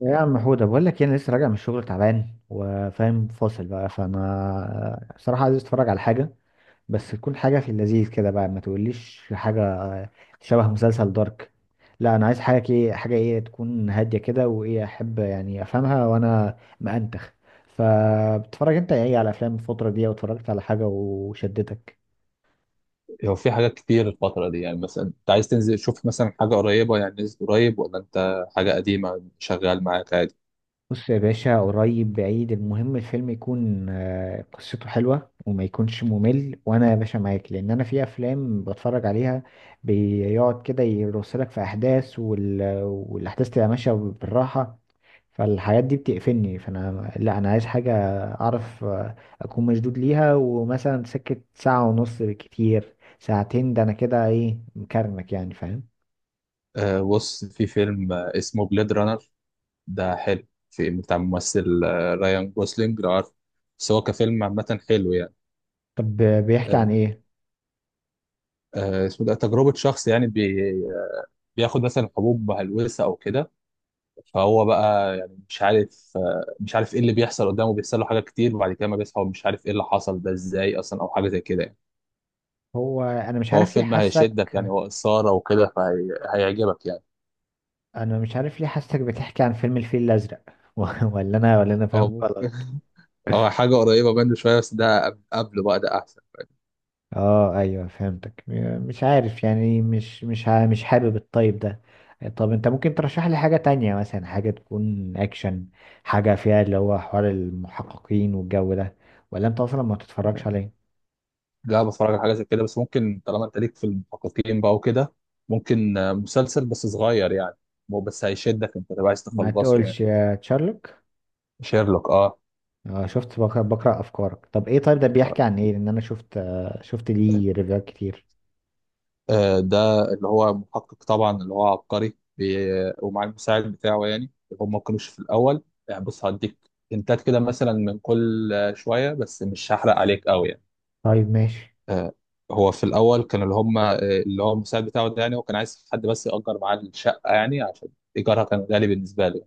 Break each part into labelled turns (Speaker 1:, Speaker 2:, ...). Speaker 1: يا عم حودة بقول لك إيه، انا لسه راجع من الشغل تعبان وفاهم فاصل بقى، فانا صراحة عايز اتفرج على حاجة. بس تكون حاجة في اللذيذ كده بقى، ما تقوليش حاجة شبه مسلسل دارك؟ لا، انا عايز حاجة كده، حاجة ايه تكون هادية كده، وايه احب يعني افهمها وانا مأنتخ. فبتتفرج انت ايه على افلام الفترة دي؟ واتفرجت على حاجة وشدتك؟
Speaker 2: هو في حاجات كتير الفترة دي، يعني مثلا انت عايز تنزل تشوف مثلا حاجة قريبة؟ يعني نزل قريب، ولا انت حاجة قديمة شغال معاك عادي؟
Speaker 1: بص يا باشا، قريب بعيد المهم الفيلم يكون قصته حلوة وما يكونش ممل. وانا يا باشا معاك، لان انا في افلام بتفرج عليها بيقعد كده يرسلك في احداث والاحداث تبقى ماشية بالراحة. فالحاجات دي بتقفلني. فانا لا، انا عايز حاجة اعرف، اكون مشدود ليها، ومثلا سكة ساعة ونص، بالكتير ساعتين، ده انا كده ايه مكرمك يعني، فاهم؟
Speaker 2: أه، بص في فيلم اسمه بليد رانر. ده حلو، في بتاع ممثل رايان جوسلينج، لو عارف. بس هو كفيلم عامة حلو يعني.
Speaker 1: طب، بيحكي
Speaker 2: أه،
Speaker 1: عن ايه؟
Speaker 2: اسمه ده تجربة شخص يعني بياخد مثلا حبوب مهلوسة أو كده. فهو بقى يعني مش عارف ايه اللي بيحصل قدامه، بيحصل له حاجات كتير، وبعد كده ما بيصحى ومش عارف ايه اللي حصل ده ازاي أصلا، أو حاجة زي كده يعني.
Speaker 1: هو انا مش
Speaker 2: هو
Speaker 1: عارف ليه
Speaker 2: فيلم
Speaker 1: حاسك.
Speaker 2: هيشدك يعني، وإثارة وكده، فهيعجبك يعني.
Speaker 1: انا مش عارف ليه حاسسك بتحكي عن فيلم الفيل الازرق. ولا انا
Speaker 2: هو
Speaker 1: فاهم
Speaker 2: ممكن،
Speaker 1: غلط؟
Speaker 2: هو حاجة قريبة منه شوية، بس ده قبله بقى ده أحسن.
Speaker 1: اه ايوه، فهمتك. مش عارف يعني مش حابب الطيب ده. طب انت ممكن ترشح لي حاجة تانية؟ مثلا حاجة تكون اكشن، حاجة فيها اللي هو حوار المحققين والجو ده. ولا انت اصلا ما تتفرجش عليه؟
Speaker 2: لا، بتفرج على حاجة زي كده، بس ممكن طالما أنت ليك في المحققين بقى وكده، ممكن مسلسل بس صغير يعني. بس هيشدك أنت، تبقى عايز
Speaker 1: ما
Speaker 2: تخلصه يعني.
Speaker 1: تقولش يا تشارلوك!
Speaker 2: شيرلوك، أه.
Speaker 1: اه شفت، بقرأ افكارك. طب ايه، طيب ده بيحكي عن ايه؟ لان انا شفت، شفت ليه ريفيوهات كتير.
Speaker 2: آه، ده اللي هو محقق طبعا، اللي هو عبقري ومع المساعد بتاعه يعني. هم ما كانوش في الأول يعني. بص، هديك هنتات كده مثلا من كل شوية، بس مش هحرق عليك قوي يعني.
Speaker 1: طيب ماشي.
Speaker 2: آه، هو في الاول كان اللي هم، اللي هو المساعد بتاعه ده، يعني هو كان عايز حد بس يأجر معاه الشقه، يعني عشان ايجارها كان غالي بالنسبه له.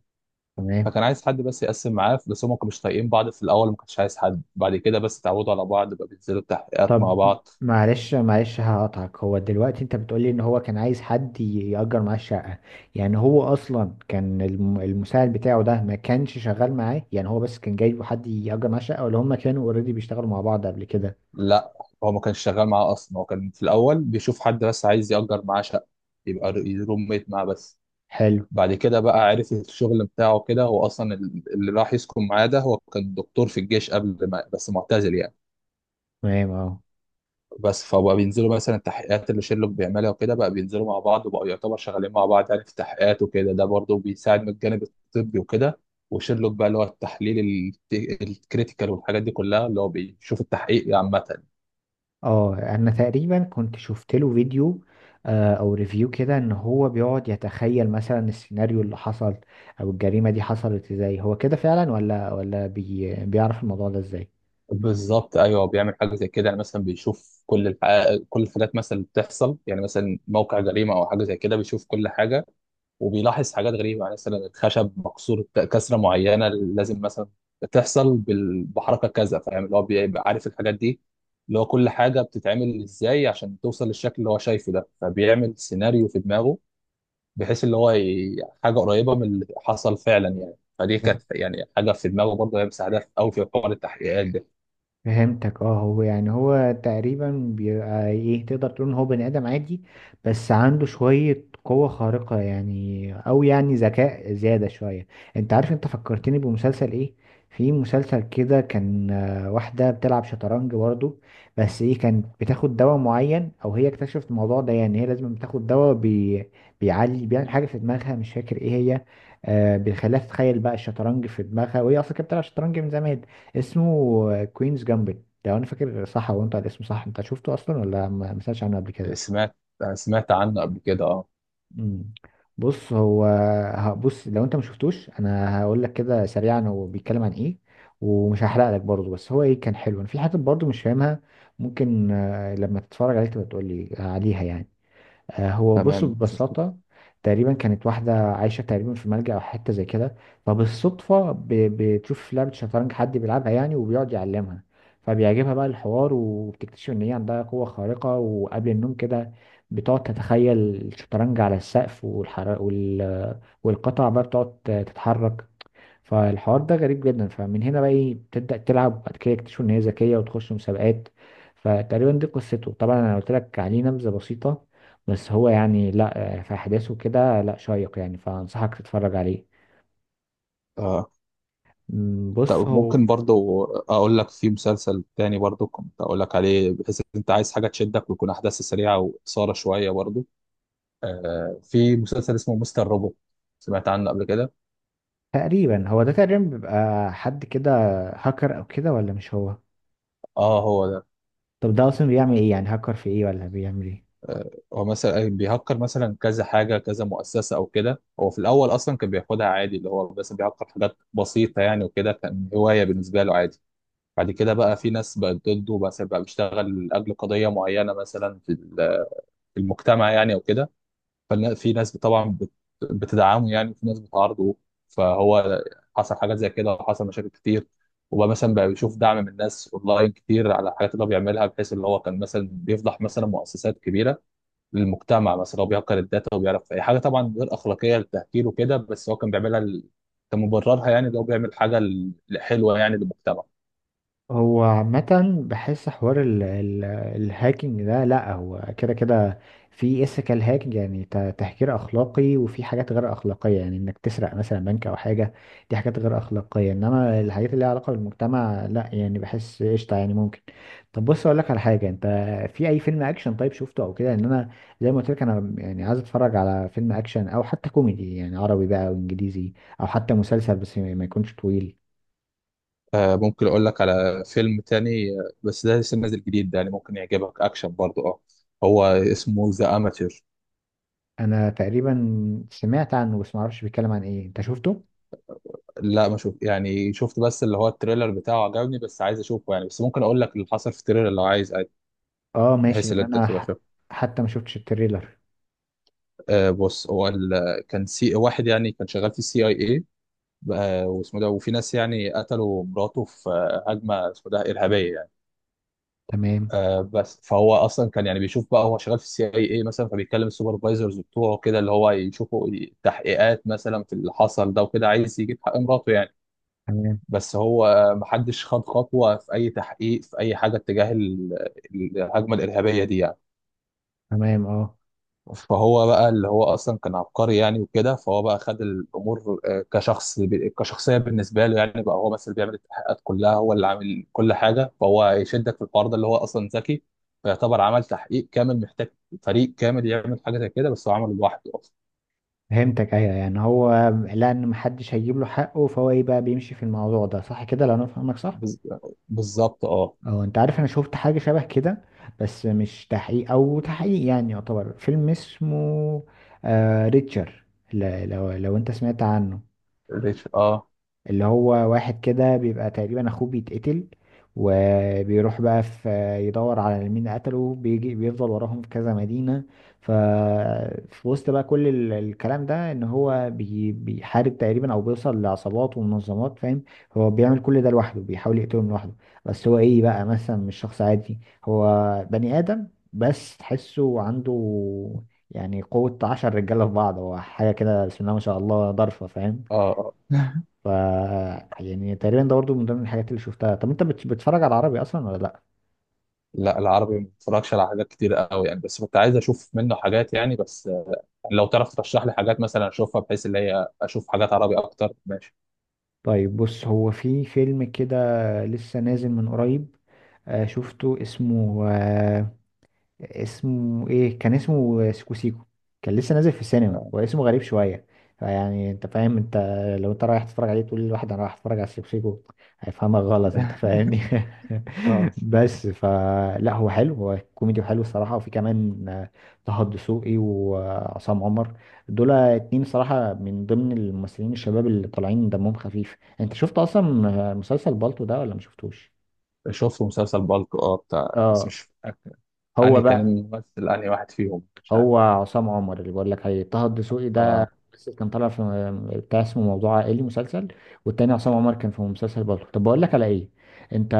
Speaker 1: تمام.
Speaker 2: فكان عايز حد بس يقسم معاه، بس هم ما كانوش طايقين بعض في الاول. ما كانش عايز حد، بعد كده بس اتعودوا على بعض بقى، بينزلوا التحقيقات مع
Speaker 1: طب
Speaker 2: بعض.
Speaker 1: معلش هقطعك. هو دلوقتي انت بتقولي ان هو كان عايز حد يأجر معاه الشقة؟ يعني هو اصلا كان المساعد بتاعه ده ما كانش شغال معاه؟ يعني هو بس كان جايبه حد يأجر معاه الشقة، ولا هما كانوا اوريدي بيشتغلوا مع بعض قبل كده؟
Speaker 2: لا، هو ما كانش شغال معاه اصلا. هو كان في الاول بيشوف حد بس عايز يأجر معاه شقه، يبقى روم ميت معاه بس.
Speaker 1: حلو.
Speaker 2: بعد كده بقى عرف الشغل بتاعه كده هو اصلا. اللي راح يسكن معاه ده هو كان دكتور في الجيش قبل، ما بس معتزل يعني.
Speaker 1: تمام، اه.
Speaker 2: بس فبقى بينزلوا مثلا التحقيقات اللي شيرلوك بيعملها وكده، بقى بينزلوا مع بعض وبقوا يعتبر شغالين مع بعض يعني في التحقيقات وكده. ده برضه بيساعد من الجانب الطبي وكده، وشيرلوك بقى اللي هو التحليل، الكريتيكال والحاجات دي كلها، اللي هو بيشوف التحقيق عامة.
Speaker 1: اه، انا تقريبا كنت شفت له فيديو، او ريفيو كده، ان هو بيقعد يتخيل مثلا السيناريو اللي حصل او الجريمة دي حصلت ازاي. هو كده فعلا، ولا بيعرف الموضوع ده ازاي؟
Speaker 2: بالظبط، ايوه، بيعمل حاجه زي كده يعني. مثلا بيشوف كل الحقائق، كل الحاجات مثلا اللي بتحصل، يعني مثلا موقع جريمه او حاجه زي كده، بيشوف كل حاجه. وبيلاحظ حاجات غريبه، يعني مثلا الخشب مكسور كسره معينه، لازم مثلا تحصل بحركه كذا، فاهم؟ اللي هو بيبقى عارف الحاجات دي، اللي هو كل حاجه بتتعمل ازاي عشان توصل للشكل اللي هو شايفه ده. فبيعمل سيناريو في دماغه، بحيث حاجه قريبه من اللي حصل فعلا يعني. فدي كانت يعني حاجه في دماغه، برضه هي مساعدة قوي في حوار التحقيقات ده.
Speaker 1: فهمتك. اه هو يعني، هو تقريبا بيبقى ايه، تقدر تقول ان هو بني ادم عادي، بس عنده شوية قوة خارقة يعني، او يعني ذكاء زيادة شوية. انت عارف انت فكرتني بمسلسل ايه؟ في مسلسل كده كان، واحدة بتلعب شطرنج برضو، بس ايه، كانت بتاخد دواء معين، او هي اكتشفت الموضوع ده، يعني هي لازم بتاخد دواء بيعلي، بيعمل حاجة في دماغها، مش فاكر ايه هي. بيخليها تتخيل بقى الشطرنج في دماغها، وهي اصلا كانت بتلعب شطرنج من زمان. اسمه كوينز جامبت لو انا فاكر صح. هو انت الاسم صح؟ انت شفته اصلا ولا ما سمعتش عنه قبل كده؟
Speaker 2: سمعت، سمعت عنه قبل كده، اه.
Speaker 1: مم. بص هو، بص لو انت ما شفتوش انا هقول لك كده سريعا هو بيتكلم عن ايه. ومش هحرق لك برضه، بس هو ايه، كان حلو. انا في حاجات برضه مش فاهمها، ممكن لما تتفرج عليه تبقى تقول لي عليها يعني. هو بص
Speaker 2: تمام، مفيش مشكله.
Speaker 1: ببساطة، تقريبا كانت واحدة عايشة تقريبا في ملجأ أو حتة زي كده. فبالصدفة بتشوف في لعبة شطرنج حد بيلعبها يعني، وبيقعد يعلمها. فبيعجبها بقى الحوار، وبتكتشف إن هي عندها قوة خارقة، وقبل النوم كده بتقعد تتخيل الشطرنج على السقف، والقطع بقى بتقعد تتحرك. فالحوار ده غريب جدا. فمن هنا بقى ايه، بتبدأ تلعب، وبعد كده يكتشفوا ان هي ذكية وتخش مسابقات. فتقريبا دي قصته. طبعا انا قلت لك عليه نبذة بسيطة، بس هو يعني لا، في احداثه كده لا شيق يعني، فانصحك تتفرج عليه.
Speaker 2: آه،
Speaker 1: بص
Speaker 2: طب
Speaker 1: هو
Speaker 2: ممكن برضو اقول لك في مسلسل تاني برضو، كنت اقول لك عليه، بحيث ان انت عايز حاجه تشدك، ويكون احداث سريعه واثاره شويه برضو. آه، في مسلسل اسمه مستر روبوت، سمعت عنه قبل كده؟
Speaker 1: تقريبا، هو ده تقريبا بيبقى حد كده هاكر او كده، ولا مش هو؟
Speaker 2: اه، هو ده.
Speaker 1: طب ده اصلا بيعمل ايه يعني؟ هاكر في ايه، ولا بيعمل ايه؟
Speaker 2: آه، هو مثلا بيهكر مثلا كذا حاجه، كذا مؤسسه او كده. هو في الاول اصلا كان بياخدها عادي، اللي هو بس بيهكر حاجات بسيطه يعني، وكده كان هوايه بالنسبه له عادي. بعد كده بقى في ناس بقت ضده، بس بقى بيشتغل لاجل قضيه معينه مثلا في المجتمع يعني او كده. ففي ناس طبعا بتدعمه يعني، وفي ناس بتعارضه. فهو حصل حاجات زي كده وحصل مشاكل كتير. وبقى مثلا بقى بيشوف دعم من الناس اونلاين كتير على الحاجات اللي هو بيعملها، بحيث اللي هو كان مثلا بيفضح مثلا مؤسسات كبيره للمجتمع. مثلا هو بيهكر الداتا وبيعرف اي حاجه، طبعا غير اخلاقيه للتهكير وكده، بس هو كان بيعملها كان مبررها يعني، اللي هو بيعمل حاجه حلوه يعني للمجتمع.
Speaker 1: هو عامة بحس حوار ال ال الهاكينج ده، لا هو كده كده. في ethical هاكينج يعني، تهكير أخلاقي، وفي حاجات غير أخلاقية، يعني إنك تسرق مثلا بنك أو حاجة. دي حاجات غير أخلاقية، إنما الحاجات اللي ليها علاقة بالمجتمع لا، يعني بحس قشطة يعني ممكن. طب بص، أقول لك على حاجة. أنت في أي فيلم أكشن طيب شفته أو كده؟ إن أنا، زي ما قلت لك، أنا يعني عايز أتفرج على فيلم أكشن أو حتى كوميدي يعني، عربي بقى أو إنجليزي، أو حتى مسلسل، بس ما يكونش طويل.
Speaker 2: آه، ممكن اقول لك على فيلم تاني بس ده لسه نازل جديد ده يعني، ممكن يعجبك اكشن برضه، اه. هو اسمه ذا اماتير.
Speaker 1: انا تقريبا سمعت عنه، بس ما اعرفش بيتكلم عن ايه. انت شفته؟
Speaker 2: لا، ما شوف يعني، شفت بس اللي هو التريلر بتاعه عجبني، بس عايز اشوفه يعني. بس ممكن اقول لك اللي حصل في التريلر لو عايز عادي،
Speaker 1: اه ماشي،
Speaker 2: بحيث ان
Speaker 1: ان
Speaker 2: انت
Speaker 1: انا
Speaker 2: تبقى شايف.
Speaker 1: حتى ما شفتش التريلر.
Speaker 2: آه بص هو كان سي واحد يعني، كان شغال في السي اي اي. واسمه ده، وفي ناس يعني قتلوا مراته في هجمه اسمه ده ارهابيه يعني.
Speaker 1: تمام،
Speaker 2: آه، بس فهو اصلا كان يعني بيشوف بقى، هو شغال في السي اي اي مثلا، فبيتكلم السوبرفايزرز بتوعه كده، اللي هو يشوفوا تحقيقات مثلا في اللي حصل ده وكده، عايز يجيب حق مراته يعني.
Speaker 1: تمام،
Speaker 2: بس هو محدش خد خطوة في أي تحقيق، في أي حاجة اتجاه الهجمة الإرهابية دي يعني.
Speaker 1: تمام، اه.
Speaker 2: فهو بقى اللي هو أصلا كان عبقري يعني وكده، فهو بقى خد الأمور آه، كشخص كشخصية بالنسبة له يعني. بقى هو بس اللي بيعمل التحقيقات كلها، هو اللي عامل كل حاجة. فهو يشدك في الحوار ده اللي هو أصلا ذكي. فيعتبر عمل تحقيق كامل محتاج فريق كامل يعمل حاجة زي كده، بس هو عمله لوحده أصلا.
Speaker 1: فهمتك ايوه، يعني هو لان محدش هيجيب له حقه، فهو ايه بقى، بيمشي في الموضوع ده، صح كده لو انا فاهمك صح؟
Speaker 2: بز- بالظبط، اه.
Speaker 1: اه، انت عارف انا شفت حاجه شبه كده، بس مش تحقيق، او تحقيق يعني يعتبر، فيلم اسمه ريتشر، لو انت سمعت عنه.
Speaker 2: ريتش، اه.
Speaker 1: اللي هو واحد كده بيبقى تقريبا اخوه بيتقتل، وبيروح بقى، في يدور على مين قتله، بيجي بيفضل وراهم في كذا مدينة. ف في وسط بقى كل الكلام ده، ان هو بيحارب تقريبا او بيوصل لعصابات ومنظمات، فاهم؟ هو بيعمل كل ده لوحده، بيحاول يقتلهم لوحده. بس هو ايه بقى، مثلا مش شخص عادي. هو بني آدم، بس تحسه عنده يعني قوة عشر رجالة في بعض. هو حاجة كده بسم الله ما شاء الله ضرفة، فاهم؟
Speaker 2: اه، آه.
Speaker 1: ف يعني تقريبا ده برضه من ضمن الحاجات اللي شفتها. طب انت بتتفرج على عربي اصلا ولا لا؟
Speaker 2: لا، العربي ما بتفرجش على حاجات كتير قوي يعني، بس كنت عايز اشوف منه حاجات يعني. بس آه، لو تعرف ترشح لي حاجات مثلا اشوفها، بحيث اللي هي اشوف حاجات عربي اكتر، ماشي.
Speaker 1: طيب بص، هو في فيلم كده لسه نازل من قريب، شفته اسمه، اسمه ايه، كان اسمه سيكو سيكو. كان لسه نازل في السينما،
Speaker 2: آه.
Speaker 1: هو اسمه غريب شويه. فيعني انت فاهم، انت لو انت رايح تتفرج عليه تقول لواحد انا رايح اتفرج على سيكو سيكو، هيفهمك غلط، انت فاهمني.
Speaker 2: اه،
Speaker 1: بس فلا هو حلو، هو كوميدي وحلو الصراحه، وفي كمان طه الدسوقي وعصام عمر. دول اتنين صراحه من ضمن الممثلين الشباب اللي طالعين دمهم خفيف. انت شفت اصلا مسلسل بالطو ده ولا ما شفتوش؟
Speaker 2: شفت مسلسل بالك، اه، بتاع، بس
Speaker 1: اه،
Speaker 2: مش فاكر
Speaker 1: هو
Speaker 2: انهي كان
Speaker 1: بقى،
Speaker 2: الممثل، انهي واحد فيهم، مش عارف.
Speaker 1: هو عصام عمر اللي بقول لك عليه. طه الدسوقي ده
Speaker 2: اه،
Speaker 1: بس كان طالع في بتاع اسمه موضوع عائلي، مسلسل. والتاني عصام عمر كان في مسلسل برضه. طب بقول لك على ايه، انت،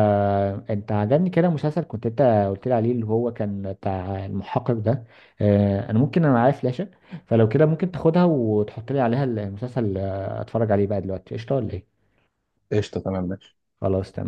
Speaker 1: انت عجبني كده مسلسل كنت انت قلت لي عليه، اللي هو كان بتاع المحقق ده. اه انا ممكن، انا معايا فلاشة، فلو كده ممكن تاخدها وتحط لي عليها المسلسل، اتفرج عليه بقى دلوقتي قشطة ولا ايه؟
Speaker 2: قشطه، تمام، ماشي.
Speaker 1: خلاص، تمام.